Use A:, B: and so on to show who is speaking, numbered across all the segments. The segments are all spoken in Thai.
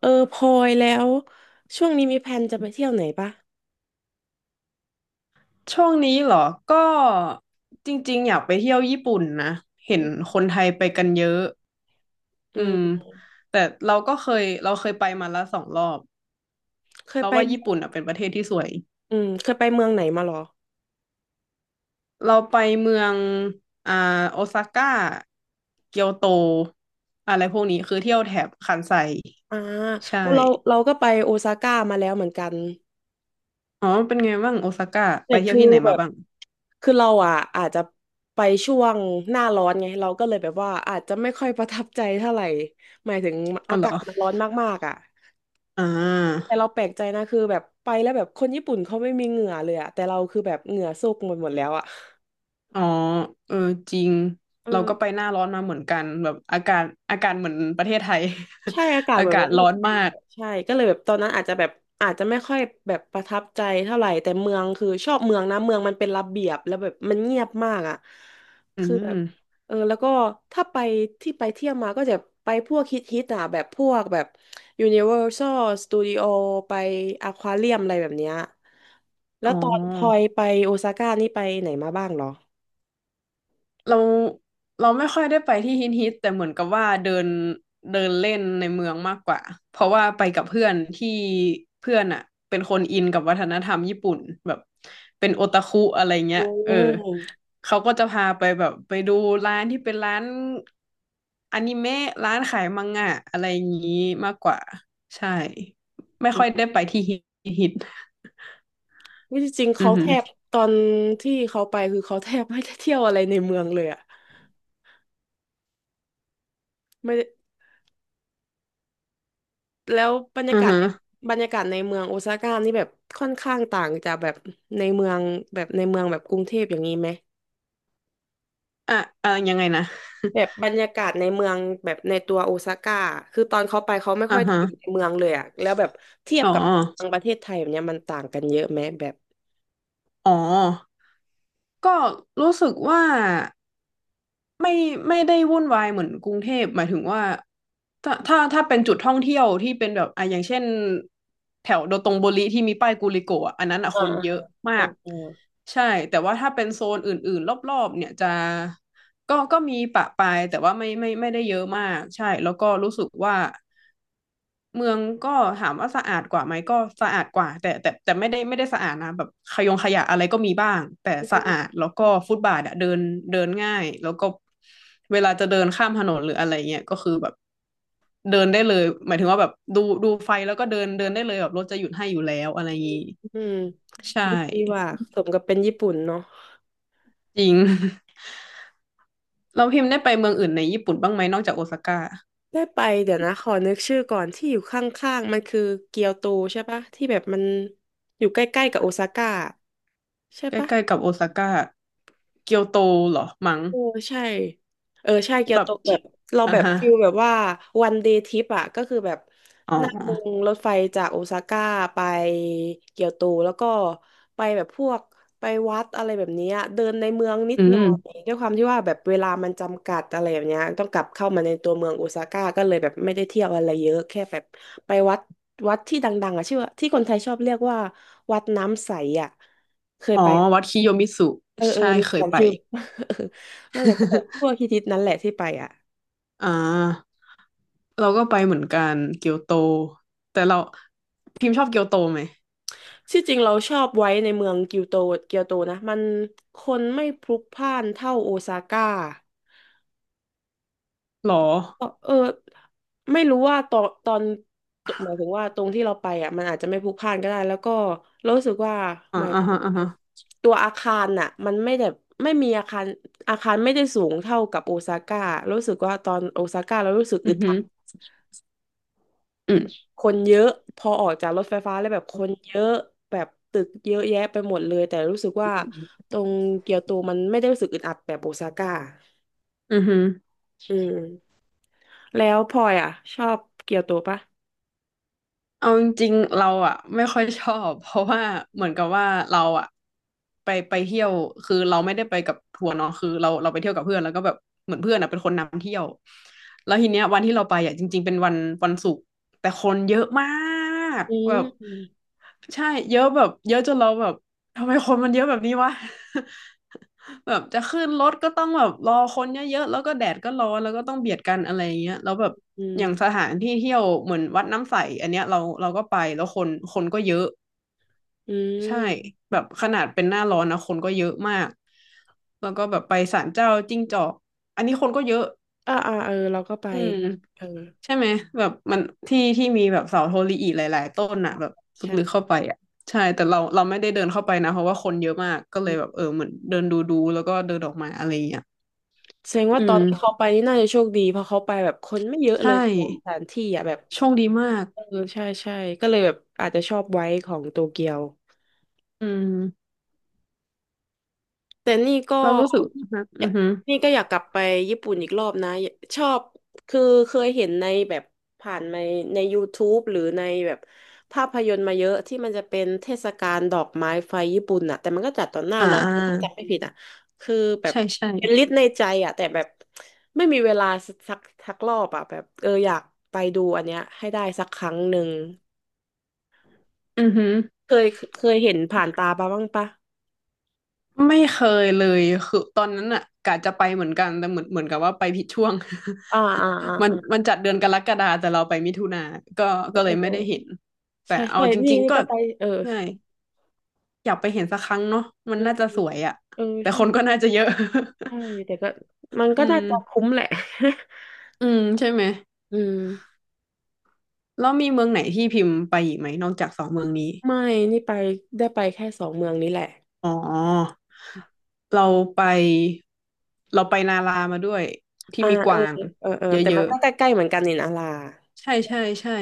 A: เออพลอยแล้วช่วงนี้มีแผนจะไปเที่ยวไหนปะ
B: ช่วงนี้เหรอ ก็จริงๆอยากไปเที่ยวญี่ปุ่นนะ เห็นคนไทยไปกันเยอะ
A: อื
B: อืม
A: ม
B: แต่เราก็เคยเราเคยไปมาแล้วสองรอบ
A: เคย
B: เรา
A: ไป
B: ว่าญี่ปุ่นอ่ะเป็นประเทศที่สวย
A: อืมเคยไปเมืองไหนมาหรอ
B: เราไปเมืองอ่าโอซาก้าเกียวโตอะไรพวกนี้คือเที่ยวแถบคันไซ
A: อ่า
B: ใช่
A: เราก็ไปโอซาก้ามาแล้วเหมือนกัน
B: อ๋อเป็นไงบ้างโอซาก้าไป
A: แต่
B: เที่ย
A: คื
B: ว
A: อ
B: ที่ไหน
A: แบ
B: มา
A: บ
B: บ้าง
A: คือเราอ่ะอาจจะไปช่วงหน้าร้อนไงเราก็เลยแบบว่าอาจจะไม่ค่อยประทับใจเท่าไหร่หมายถึง
B: อ๋อ
A: อา
B: เหร
A: กา
B: อ
A: ศมันร้อนมากๆอ่ะ
B: อ่
A: แต่
B: า
A: เราแปลกใจนะคือแบบไปแล้วแบบคนญี่ปุ่นเขาไม่มีเหงื่อเลยอ่ะแต่เราคือแบบเหงื่อโซกหมดแล้วอ่ะ
B: อ๋อเออจริง
A: เอ
B: เรา
A: อ
B: ก็ไปหน้าร้อนมาเหมือนกันแบบอากาศเหมือนประเทศไทย
A: ใช่อากา ศ
B: อา
A: เหมือน
B: กา
A: ป
B: ศ
A: บะเท
B: ร้
A: ศ
B: อน
A: ไทย
B: มา
A: เลย
B: ก
A: ใช่ก็เลยแบบตอนนั้นอาจจะแบบอาจจะไม่ค่อยแบบประทับใจเท่าไหร่แต่เมืองคือชอบเมืองนะเมืองมันเป็นระเบียบแล้วแบบมันเงียบมากอ่ะ
B: อื
A: คือแบบ
B: ม
A: เออแล้วก็ถ้าไปที่ไปเที่ยวมาก็จะไปพวกฮิตฮิตอ่ะแบบพวกแบบ Universal Studio ไปอควาเรียมอะไรแบบเนี้ยแล้
B: อ๋
A: ว
B: อ
A: ตอนพลอยไปโอซาก้านี่ไปไหนมาบ้างเหรอ
B: เราเราไม่ค่อยได้ไปที่ฮิตฮิตแต่เหมือนกับว่าเดินเดินเล่นในเมืองมากกว่าเพราะว่าไปกับเพื่อนอ่ะเป็นคนอินกับวัฒนธรรมญี่ปุ่นแบบเป็นโอตาคุอะไรเงี้ยเออ
A: อ
B: เขาก็จะพาไปแบบไปดูร้านอนิเมะร้านขายมังงะอะไรอย่างนี้มากกว่าใช่ไม่
A: ื
B: ค่อย
A: ม
B: ได้ไปที่ฮิตฮิต
A: วิจริงๆ
B: อื
A: เขา
B: อฮึ
A: แทบตอนที่เขาไปคือเขาแทบไม่ได้เที่ยวอะไรในเมืองเลยอะไม่ได้แล้วบรรยา
B: อือ
A: กาศ
B: ฮึ
A: บรรยากาศในเมืองโอซาก้านี่แบบค่อนข้างต่างจากแบบในเมืองแบบในเมืองแบบกรุงเทพอย่างนี้ไหม
B: อ่ะอ่ะยังไงนะ
A: แบบบรรยากาศในเมืองแบบในตัวโอซาก้าคือตอนเขาไปเขาไม่
B: อ่า
A: ค่อยได้
B: ฮะ
A: อยู่ในเมืองเลยอะแล้วแบบเทียบ
B: อ๋อ
A: กับในเมืองประเทศไทยแบบเนี้ยมันต่างกันเยอะไหมแบบ
B: อ๋อก็รู้สึกว่าไม่ไม่ได้วุ่นวายเหมือนกรุงเทพหมายถึงว่าถ้าเป็นจุดท่องเที่ยวที่เป็นแบบอ่ะอย่างเช่นแถวโดตงโบริที่มีป้ายกูลิโกะอะอันนั้นอ่ะ
A: อ่า
B: คนเย
A: อ่า
B: อะ
A: อ่า
B: มาก
A: อา
B: ใช่แต่ว่าถ้าเป็นโซนอื่นๆรอบๆเนี่ยจะก็มีปะปายแต่ว่าไม่ได้เยอะมากใช่แล้วก็รู้สึกว่า เมืองก็ถามว่าสะอาดกว่าไหมก็สะอาดกว่าแต่ไม่ได้สะอาดนะแบบขยงขยะอะไรก็มีบ้างแต่สะอาดแล้วก็ฟุตบาทอะเดินเดินง่ายแล้วก็เวลาจะเดินข้ามถนนหรืออะไรเงี้ยก็คือแบบเดินได้เลยหมายถึงว่าแบบดูไฟแล้วก็เดินเดินได้เลยแบบรถจะหยุดให้อยู่แล้วอะไรอย่างงี้
A: อืม
B: ใช่
A: ดีว่าสมกับเป็นญี่ปุ่นเนาะ
B: จริง เราพิมพ์ได้ไปเมืองอื่นในญี่ปุ่นบ้างไหมนอกจากโอซาก้า
A: ได้ไปเดี๋ยวนะขอนึกชื่อก่อนที่อยู่ข้างๆมันคือเกียวโตใช่ปะที่แบบมันอยู่ใกล้ๆกับโอซาก้าใช่
B: ใก
A: ปะ
B: ล้ๆกับโอซาก้าเกียวโตเหรอมั้ง
A: เออใช่เออใช่เกีย
B: แบ
A: วโต
B: บ
A: แบบเรา
B: อ่ะ
A: แบบ
B: ฮะ
A: ฟิลแบบว่าวันเดย์ทริปอ่ะก็คือแบบ
B: อ๋อ
A: นั่งรถไฟจากโอซาก้าไปเกียวโตแล้วก็ไปแบบพวกไปวัดอะไรแบบเนี้ยเดินในเมืองนิด
B: อื
A: หน่อ
B: ม
A: ยด้วยความที่ว่าแบบเวลามันจำกัดอะไรแบบเนี้ยต้องกลับเข้ามาในตัวเมืองโอซาก้าก็เลยแบบไม่ได้เที่ยวอะไรเยอะแค่แบบไปวัดวัดที่ดังๆอ่ะชื่อว่าที่คนไทยชอบเรียกว่าวัดน้ำใสอ่ะเคย
B: อ๋อ
A: ไป
B: วัดคิโยมิสุ
A: เออเออ
B: ใช่
A: นี่
B: เคยไป
A: จำชื่อ เออนั่นแหละก็แบบพวก ฮิตๆนั้นแหละที่ไปอ่ะ
B: อ่าเราก็ไปเหมือนกันเกียวโตแต่เราพิมพ์ชอบเกียวโตไหม
A: ที่จริงเราชอบไว้ในเมืองเกียวโตเกียวโตนะมันคนไม่พลุกพล่านเท่าโอซาก้า
B: หรอ
A: ก็เออไม่รู้ว่าตอนหมายถึงว่าตรงที่เราไปอ่ะมันอาจจะไม่พลุกพล่านก็ได้แล้วก็เรารู้สึกว่า
B: อ่า
A: หมาย
B: อ่า
A: ถึง
B: ฮะอ่าฮะ
A: ตัวอาคารน่ะมันไม่แบบไม่มีอาคารอาคารไม่ได้สูงเท่ากับโอซาก้ารู้สึกว่าตอนโอซาก้าเรารู้สึก
B: อื
A: อึ
B: อ
A: ด
B: หื
A: อั
B: อ
A: ด
B: ืม
A: คนเยอะพอออกจากรถไฟฟ้าแล้วแบบคนเยอะแบบตึกเยอะแยะไปหมดเลยแต่รู้สึกว่าตรงเกียวโตมันไม่ได้รู้สึกอึดอัดแบบโอซาก้า
B: อือห
A: อืมแล้วพลอยอ่ะชอบเกียวโตปะ
B: เอาจริงๆเราอ่ะไม่ค่อยชอบ เพราะว่าเหมือนกับว่าเราอ่ะไปเที่ยวคือเราไม่ได้ไปกับทัวร์เนาะคือเราไปเที่ยวกับเพื่อนแล้วก็แบบเหมือนเพื่อนอ่ะเป็นคนนำเที่ยวแล้วทีเนี้ยวันที่เราไปอ่ะจริงๆเป็นวันศุกร์แต่คนเยอะมาก
A: อื
B: แบ
A: ม
B: บ
A: อืม
B: ใช่เยอะแบบเยอะจนเราแบบทำไมคนมันเยอะแบบนี้วะ แบบจะขึ้นรถก็ต้องแบบรอคนเยอะๆแล้วก็แดดก็ร้อนแล้วก็ต้องเบียดกันอะไรอย่างเงี้ยแล้วแบบ
A: อืม
B: อย่างสถานที่เที่ยวเหมือนวัดน้ำใสอันเนี้ยเราก็ไปแล้วคนก็เยอะ
A: อื
B: ใช่
A: ม
B: แบบขนาดเป็นหน้าร้อนนะคนก็เยอะมากแล้วก็แบบไปศาลเจ้าจิ้งจอกอันนี้คนก็เยอะ
A: อ่าอ่าเออเราก็ไป
B: อืม
A: เออ
B: ใช่ไหมแบบมันที่ที่มีแบบเสาโทริอิหลายๆต้นอ่ะแบบ
A: ใช่
B: ลึกๆเข้าไปอ่ะใช่แต่เราไม่ได้เดินเข้าไปนะเพราะว่าคนเยอะมากก็เลยแบบเออเหมือนเดินดูแล้วก็เดินออกมาอะไรอย่างเงี้ย
A: แสดงว่า
B: อื
A: ตอนที่เขา
B: ม
A: ไปนี่น่าจะโชคดีเพราะเขาไปแบบคนไม่เยอะเล
B: ใช่
A: ยสถานที่อ่ะแบบ
B: โชคดีมาก
A: เออใช่ใช่ก็เลยแบบอาจจะชอบไว้ของโตเกียว
B: อืม
A: แต่นี่ก็
B: เรารู้สึกนะ
A: อ
B: อื
A: ยา
B: อ
A: ก
B: ฮึ
A: นี่ก็อยากกลับไปญี่ปุ่นอีกรอบนะชอบคือเคยเห็นในแบบผ่านในใน YouTube หรือในแบบภาพยนตร์มาเยอะที่มันจะเป็นเทศกาลดอกไม้ไฟญี่ปุ่นน่ะแต่มันก็จัดตอนหน้า
B: อ่
A: ร้อนถ้า
B: า
A: จำไม่ผิดอ่ะคือแบบ
B: ใช่ใช่
A: เป็นลิสต์ในใจอ่ะแต่แบบไม่มีเวลาสักสักรอบอ่ะแบบเอออยากไปดูอันเนี้ยให้ได้สักครั้งหนึ่ง
B: อือฮึ
A: เคยเคยเห็นผ่านตาปะบ้างปะ
B: ไม่เคยเลยคือตอนนั้นอ่ะกะจะไปเหมือนกันแต่เหมือนกับว่าไปผิดช่วง
A: อ่าอ่าอ่า
B: มันมั
A: อ่า
B: นจัดเดือนกรกฎาแต่เราไปมิถุนาก็
A: เอ
B: ก็เล
A: อ
B: ยไม่ได้เห็นแต่
A: ใช่
B: เอา
A: ใช่
B: จ
A: นี่
B: ริง
A: นี่
B: ๆก็
A: ก็ไปเออ
B: เน่อยากไปเห็นสักครั้งเนาะมัน
A: เออ
B: น่าจะสวยอ่ะ
A: เออ
B: แต่
A: ใช่
B: คนก็น่าจะเยอะ
A: ใช่แต่ก็ มันก็
B: อื
A: น่า
B: ม
A: จะคุ้มแหละ
B: อืมใช่ไหม
A: อืม
B: แล้วมีเมืองไหนที่พิมพ์ไปอีกไหมนอกจากสองเมืองนี้
A: ไม่นี่ไปได้ไปแค่สองเมืองนี้แหละ
B: อ๋อเราไปเราไปนารามาด้วยที่
A: อ่า
B: มีก
A: เออ
B: วาง
A: เออเออ
B: เ
A: แต่
B: ย
A: มัน
B: อะ
A: ก็ใกล้ๆเหมือนกันนี่นะลา
B: ใช่ใช่ใช่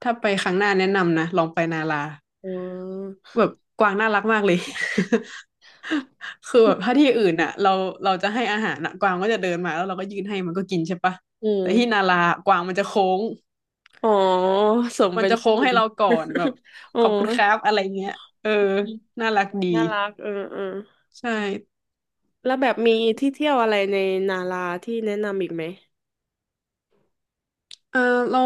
B: ถ้าไปครั้งหน้าแนะนำนะลองไปนารา
A: อืม
B: แบบกวางน่ารักมากเลย คือแบบถ้าที่อื่นอ่ะเราจะให้อาหารอะกวางก็จะเดินมาแล้วเราก็ยื่นให้มันก็กินใช่ปะ
A: อื
B: แต่ที่
A: ม
B: นารากวางมันจะโค้ง
A: อ๋อสม
B: มัน
A: เป็น
B: จะ
A: ญี่
B: โค้ง
A: ปุ่
B: ให้
A: น
B: เราก่อนแบบ
A: อ๋อ
B: ขอบคุณครับอะไรเงี้ยเออน่ารักดี
A: น่ารักเออเออ
B: ใช่
A: แล้วแบบมีที่เที่ยวอะไรในนาราที่แนะนำอีกไหม
B: เออเรา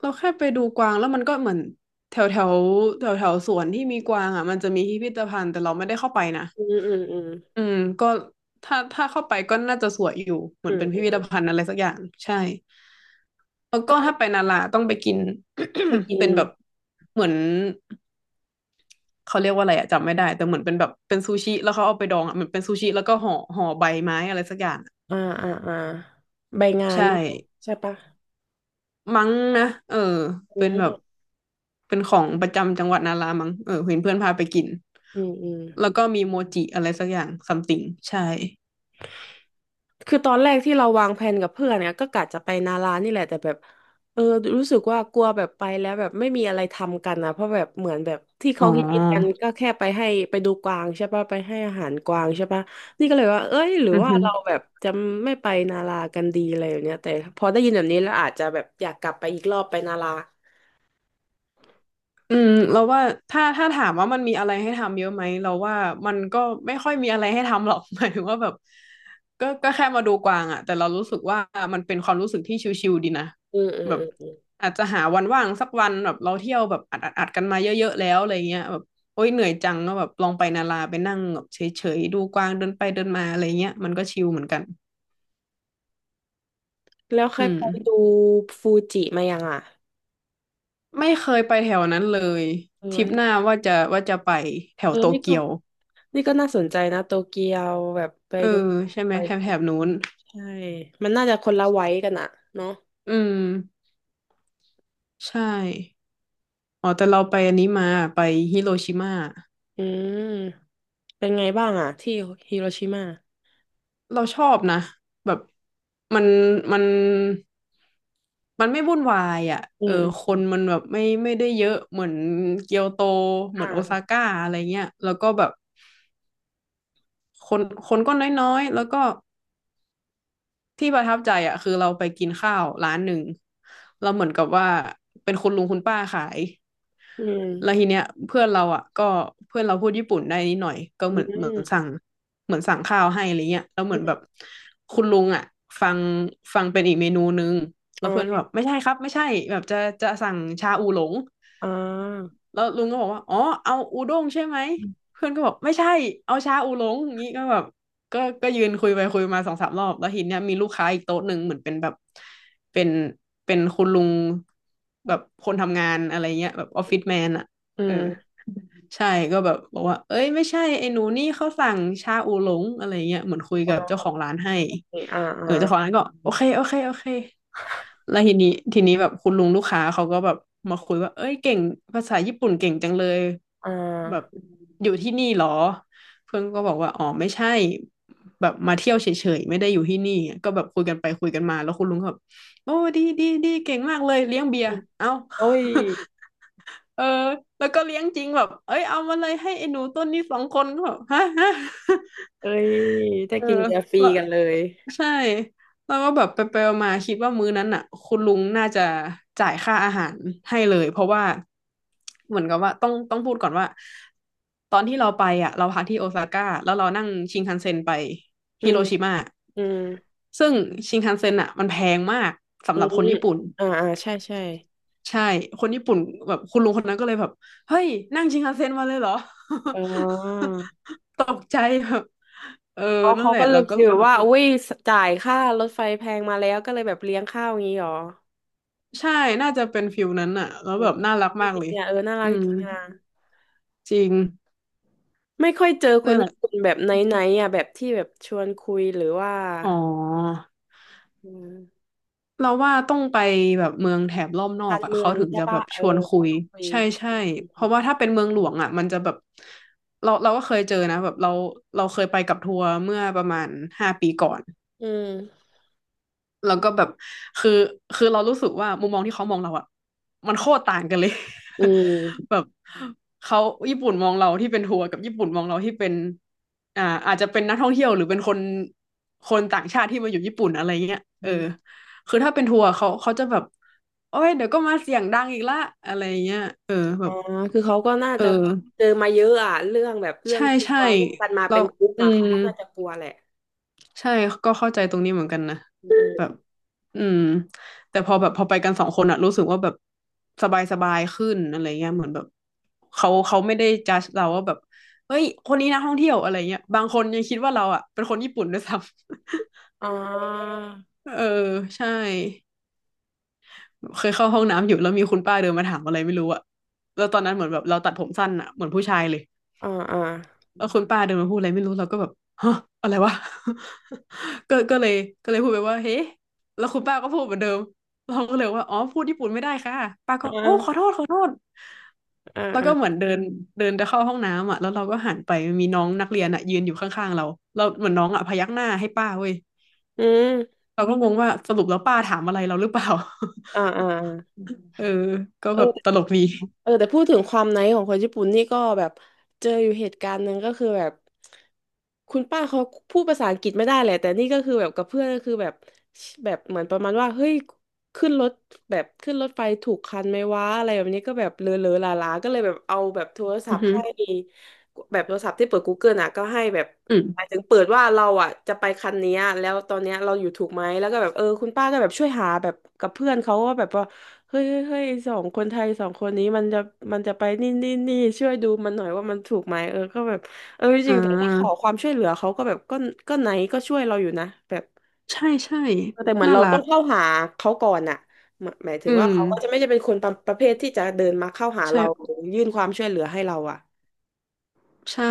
B: เราแค่ไปดูกวางแล้วมันก็เหมือนแถวแถวแถวแถวสวนที่มีกวางอ่ะมันจะมีพิพิธภัณฑ์แต่เราไม่ได้เข้าไปนะ
A: อืมอืมอืม
B: อืมก็ถ้าเข้าไปก็น่าจะสวยอยู่เหมื
A: อื
B: อน
A: ม
B: เป็น
A: อื
B: พิพิธ
A: ม
B: ภัณฑ์อะไรสักอย่างใช่แล้วก็ถ้าไปนาราต้องไปกิน
A: ไปกิ น
B: เป็นแบบเหมือนเขาเรียกว่าอะไรอะจำไม่ได้แต่เหมือนเป็นแบบเป็นซูชิแล้วเขาเอาไปดองอะเหมือนเป็นซูชิแล้วก็ห่อใบไม้อะไรสักอย่างอะ
A: อ่าอ่าอ่าใบงาน
B: ใช่
A: เนอะใช่ปะ
B: มั้งนะเออ
A: อื
B: เป็นแบบ
A: ม
B: เป็นของประจำจังหวัดนารามั้งเออเห็นเพื่อนพาไปกิน
A: อืมอืม
B: แล้วก็มีโมจิอะไรสักอย่างซัมติง ใช่
A: คือตอนแรกที่เราวางแผนกับเพื่อนเนี่ยก็กะจะไปนารานี่แหละแต่แบบเออรู้สึกว่ากลัวแบบไปแล้วแบบไม่มีอะไรทำกันนะเพราะแบบเหมือนแบบที่
B: อ๋
A: เขา
B: อ
A: ฮิตๆกันก็แค่ไปให้ไปดูกวางใช่ปะไปให้อาหารกวางใช่ปะนี่ก็เลยว่าเอ้ยหรือ
B: อือ
A: ว่า
B: ฮึ
A: เราแบบจะไม่ไปนารากันดีอะไรอย่างเนี้ยแต่พอได้ยินแบบนี้แล้วอาจจะแบบอยากกลับไปอีกรอบไปนารา
B: อืมเราว่าถ้าถามว่ามันมีอะไรให้ทำเยอะไหมเราว่ามันก็ไม่ค่อยมีอะไรให้ทำหรอก หมายถึงว่าแบบก็แค่มาดูกวางอะแต่เรารู้สึกว่ามันเป็นความรู้สึกที่ชิลๆดีนะ
A: อืมอืม
B: แบบ
A: อืมอืม
B: อาจจะหาวันว่างสักวันแบบเราเที่ยวแบบอัดกันมาเยอะๆแล้วอะไรเงี้ยแบบโอ๊ยเหนื่อยจังก็แบบลองไปนาราไปนั่งแบบเฉยๆดูกวางเดินไปเดินมาอะไรเงี้ยมันก็ชิลเหมือนกัน
A: แล้วเค
B: อื
A: ย
B: ม
A: ไปดูฟูจิมายังอ่ะ
B: ไม่เคยไปแถวนั้นเลย
A: เอ
B: ทริ
A: อ
B: ปหน้าว่าจะไปแถ
A: เอ
B: ว
A: อ
B: โต
A: นี่ก็
B: เกียว
A: นี่ก็น่าสนใจนะโตเกียวแบบไป
B: เออ
A: ดู
B: ใช่ไหม
A: ไป
B: แถบนู้น
A: ใช่ มันน่าจะคนละไว้กันอะเนาะ
B: อืมใช่อ๋อแต่เราไปอันนี้มาไปฮิโรชิมา
A: อืมเป็นไงบ้างอะที่ฮิโรชิมา
B: เราชอบนะแบบมันมันมันไม่วุ่นวายอ่ะ
A: อื
B: เออ
A: ม
B: ค
A: อื
B: น
A: ม
B: มันแบบไม่ได้เยอะเหมือนเกียวโตเหมือนโอซา
A: อ่า
B: ก้าอะไรเงี้ยแล้วก็แบบคนคนก็น้อยๆแล้วก็ ที่ประทับใจอ่ะคือเราไปกินข้าวร้านหนึ่งเราเหมือนกับว่าเป็นคุณลุงคุณป้าขาย
A: อืม
B: แล้วทีเนี้ยเพื่อนเราอ่ะก็เพื่อนเราพูดญี่ปุ่นได้นิดหน่อยก็
A: อื
B: เหมือนเหมือ
A: ม
B: นสั่งเหมือนสั่งข้าวให้อะไรเงี้ยแล้วเห
A: อื
B: มือนแบ
A: ม
B: บคุณลุงอ่ะฟังฟังเป็นอีกเมนูนึงแล้
A: อ๋อ
B: วเพื่อนก็แบบไม่ใช่ครับไม่ใช่แบบจะสั่งชาอูหลง
A: อ่า
B: แล้วลุงก็บอกว่าอ๋อเอาอูด้งใช่ไหม เพื่อนก็บอกไม่ใช่ เอาชาอูหลงอย่างนี้ก็แบบก็ยืนคุยไปคุยมาสองสามรอบ แล้วทีเนี้ยมีลูกค้าอีกโต๊ะหนึ่งเหมือนเป็นแบบ เป็น เป็นคุณลุงแบบคนทำงานอะไรเงี้ยแบบออฟฟิศแมนอะ
A: อื
B: เออ
A: ม
B: ใช่ก็แบบบอกว่าเอ้ยไม่ใช่ไอ้หนูนี่เขาสั่งชาอูหลงอะไรเงี้ยเหมือนคุย
A: อ๋
B: กับเจ้าของ
A: อ
B: ร้านให้
A: อ่าอ่
B: เออเจ้าของ
A: า
B: ร้านก็โอเคโอเคโอเคแล้วทีนี้แบบคุณลุงลูกค้าเขาก็แบบมาคุยว่าเอ้ยเก่งภาษาญี่ปุ่นเก่งจังเลย
A: อ่
B: แบบ
A: า
B: อยู่ที่นี่เหรอเพื่อนก็บอกว่าอ๋อไม่ใช่แบบมาเที่ยวเฉยๆไม่ได้อยู่ที่นี่ก็แบบคุยกันไปคุยกันมาแล้วคุณลุงก็แบบโอ้ดีดีดีเก่งมากเลยเลี้ยงเบีย
A: อื
B: ร์
A: ม
B: เอ้า
A: โอ้ย
B: เออแล้วก็เลี้ยงจริงแบบเอ้ยเอามาเลยให้ไอ้หนูต้นนี้สองคนก็แบบฮะฮะ
A: เอ้ยได้
B: เออ
A: กินเบียร์ฟรี
B: แล้ว
A: กันเลย
B: ใช่แล้วก็แบบไปไปมาๆคิดว่ามื้อนั้นอ่ะคุณลุงน่าจะจ่ายค่าอาหารให้เลยเพราะว่าเหมือนกับว่าต้องพูดก่อนว่าตอนที่เราไปอ่ะเราพักที่โอซาก้าแล้วเรานั่งชินคันเซ็นไป
A: อื
B: ฮิ
A: ม
B: โรชิมา
A: อืม
B: ซึ่งชินคันเซ็นอ่ะมันแพงมาก
A: อื
B: สำหรับคน
A: ม
B: ญี่ปุ่น
A: อ่าอ่าใช่ ใช่
B: ใช่ คนญี่ปุ่นแบบคุณลุงคนนั้นก็เลยแบบเฮ้ยนั่งชินคันเซ็นมาเลยเหรอ
A: อ๋อ
B: ตกใจแบบเออ
A: อ๋อ
B: นั่น
A: เขา
B: แหละ
A: ก็เล
B: แล้
A: ย
B: วก็
A: ฟีลว่าอุ้ยจ่ายค่ารถไฟแพงมาแล้วก็เลยแบบเลี้ยงข้าวอย่างนี้หรอ
B: ใช่น่าจะเป็นฟิลนั้นอะแล้ว
A: อื
B: แบ
A: ม
B: บน่ารัก
A: จ
B: มาก
A: ริ
B: เลย
A: งๆอ่ะเออน่ารั
B: อื
A: กจ
B: ม
A: ริงอ่ะ
B: จริง
A: ไม่ค่อยเจอค
B: นั่
A: น
B: นแหละ
A: ญี่ปุ่นแบบไหนๆอ่ะแบบที่แบบชวนคุยหรือว่า
B: อ๋อ
A: อืม
B: เราว่าต้องไปแบบเมืองแถบรอบนอ
A: กา
B: ก
A: ร
B: อะ
A: เมือ
B: เขา
A: ง
B: ถึง
A: ใช่
B: จะแบ
A: ปะ
B: บ
A: เอ
B: ช
A: อ
B: วน
A: ช
B: คุ
A: ว
B: ย
A: นคุย
B: ใช่ใช่เพราะว่าถ้าเป็นเมืองหลวงอะมันจะแบบเราก็เคยเจอนะแบบเราเราเคยไปกับทัวร์เมื่อประมาณ5 ปีก่อน
A: อืม
B: แล้วก็แบบคือคือเรารู้สึกว่ามุมมองที่เขามองเราอะมันโคตรต่างกันเลย
A: อื
B: แบ
A: ม
B: บเขาญี่ปุ่นมองเราที่เป็นทัวร์กับญี่ปุ่นมองเราที่เป็นอ่าอาจจะเป็นนักท่องเที่ยวหรือเป็นคนต่างชาติที่มาอยู่ญี่ปุ่นอะไรเงี้ย
A: อืมอื
B: เออ
A: ม
B: คือถ้าเป็นทัวร์เขาจะแบบโอ้ยเดี๋ยวก็มาเสียงดังอีกละอะไรเงี้ยเออแบ
A: อ๋อ
B: บ
A: คือเขาก็น่า
B: เอ
A: จะแบบ
B: อ
A: เจอมาเยอะอ่ะเรื่องแบบเรื่อง
B: ใช่
A: กลั
B: ใช่
A: วเรื่องกันมา
B: เรา
A: เป็นกลุ่ม
B: อื
A: อ่ะเขา
B: ม
A: ก็น่าจะกลัวแหละ
B: ใช่ก็เข้าใจตรงนี้เหมือนกันนะ
A: อื
B: แบ
A: ม
B: บอืมแต่พอแบบพอไปกันสองคนอะรู้สึกว่าแบบสบายขึ้นอะไรเงี้ยเหมือนแบบเขาไม่ได้จัดเราว่าแบบเฮ้ยคนนี้นะท่องเที่ยวอะไรเงี้ยบางคนยังคิดว่าเราอะเป็นคนญี่ปุ่นด้วยซ้ำ
A: อ๋อ
B: เออใช่เคยเข้าห้องน้ำอยู่แล้วมีคุณป้าเดินมาถามอะไรไม่รู้อะแล้วตอนนั้นเหมือนแบบเราตัดผมสั้นอะเหมือนผู้ชายเลย
A: อ๋ออ๋อ
B: เออคุณป้าเดินมาพูดอะไรไม่รู้เราก็แบบฮะอะไรวะ ก็เลยก็เลยพูดไปว่าเฮ้แล้วคุณป้าก็พูดเหมือนเดิมเราก็เลยว่าอ๋อพูดญี่ปุ่นไม่ได้ค่ะป้าก็
A: อ๋
B: โอ้ขอ
A: อ
B: โทษขอโทษ
A: อ๋
B: แล้วก็เหมื
A: อา
B: อนเดินเดินจะเข้าห้องน้ำอ่ะแล้วเราก็หันไปมีน้องนักเรียนอ่ะยืนอยู่ข้างๆเราเราเหมือนน้องอ่ะพยักหน้าให้ป้าเว้ย
A: อืม
B: เราก็งงว่าสรุปแล้วป้าถามอะไรเราหรือเปล่า
A: อ่าอ่า
B: เออก็
A: เออ
B: แบบตลกดี
A: เออแต่พูดถึงความไนท์ของคนญี่ปุ่นนี่ก็แบบเจออยู่เหตุการณ์หนึ่งก็คือแบบคุณป้าเขาพูดภาษาอังกฤษไม่ได้แหละแต่นี่ก็คือแบบกับเพื่อนก็คือแบบแบบเหมือนประมาณว่าเฮ้ยขึ้นรถแบบขึ้นรถไฟถูกคันไหมวะอะไรแบบนี้ก็แบบเลอะเลอะลาลาๆก็เลยแบบเอาแบบโทรศั
B: อื
A: พ
B: อ
A: ท์
B: หือ
A: ให้แบบโทรศัพท์ที่เปิดกูเก l ลอ่ะก็ให้แบบ
B: อืม
A: หมายถึงเปิดว่าเราอ่ะจะไปคันเนี้ยแล้วตอนเนี้ยเราอยู่ถูกไหมแล้วก็แบบเออคุณป้าก็แบบช่วยหาแบบกับเพื่อนเขาว่าแบบว่า เฮ้ยเฮ้ยเฮ้ยสองคนไทยสองคนนี้มันจะไปนี่นี่นี่ช่วยดูมันหน่อยว่ามันถูกไหมเออก็แบบเออจ
B: อ่
A: ริงๆแต่ถ้าขอ
B: า
A: ความช่วยเหลือเขาก็แบบก็ก็ไหนก็ช่วยเราอยู่นะแบบ
B: ใช่ใช่
A: เออแต่เหมือน
B: น่า
A: เรา
B: รั
A: ต้อ
B: ก
A: งเข้าหาเขาก่อนอะหมายหมายถึ
B: อื
A: งว่า
B: ม
A: เขาก็จะไม่ได้เป็นคนประเภทที่จะเดินมาเข้าหา
B: ใช่
A: เราหรือยื่นความช่วยเหลือให้เราอะ
B: ใช่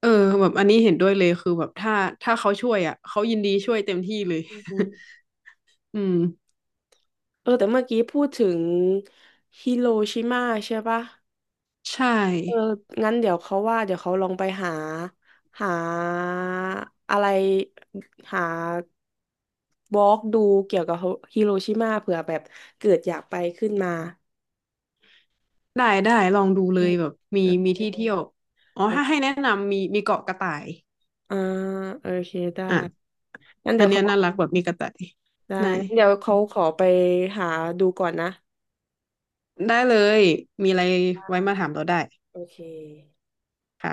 B: เออ
A: อืม
B: แบบอันนี้เห็นด้วยเลยคือแบบถ้าเขาช่วยอ่ะเขายินดีช่วยเต็มที่เลย
A: อืม
B: อืม
A: เออแต่เมื่อกี้พูดถึงฮิโรชิมาใช่ปะ
B: ใช่
A: เอองั้นเดี๋ยวเขาว่าเดี๋ยวเขาลองไปหาหาอะไรหาบล็อกดูเกี่ยวกับฮิโรชิมาเผื่อแบบเกิดอยากไปขึ้นมา
B: ได้ได้ลองดู
A: อื
B: เลย
A: ม
B: แบบมี
A: เอ
B: มี
A: เค
B: ที่เที่ยวอ๋อถ้า
A: อ
B: ให้แนะนำมีเกาะกระต่าย
A: อ่าโอเคได้
B: อ่ะ
A: งั้น
B: อั
A: เดี๋ย
B: น
A: ว
B: เนี้
A: เขา
B: ยน่ารักแบบมีกระต่าย
A: ได้
B: ได้
A: งั้นเดี๋ยวเขาขอไปหาดูก่อนนะ
B: ได้เลยมีอะไรไว้มา
A: อ่า
B: ถามเราได้
A: โอเค
B: ค่ะ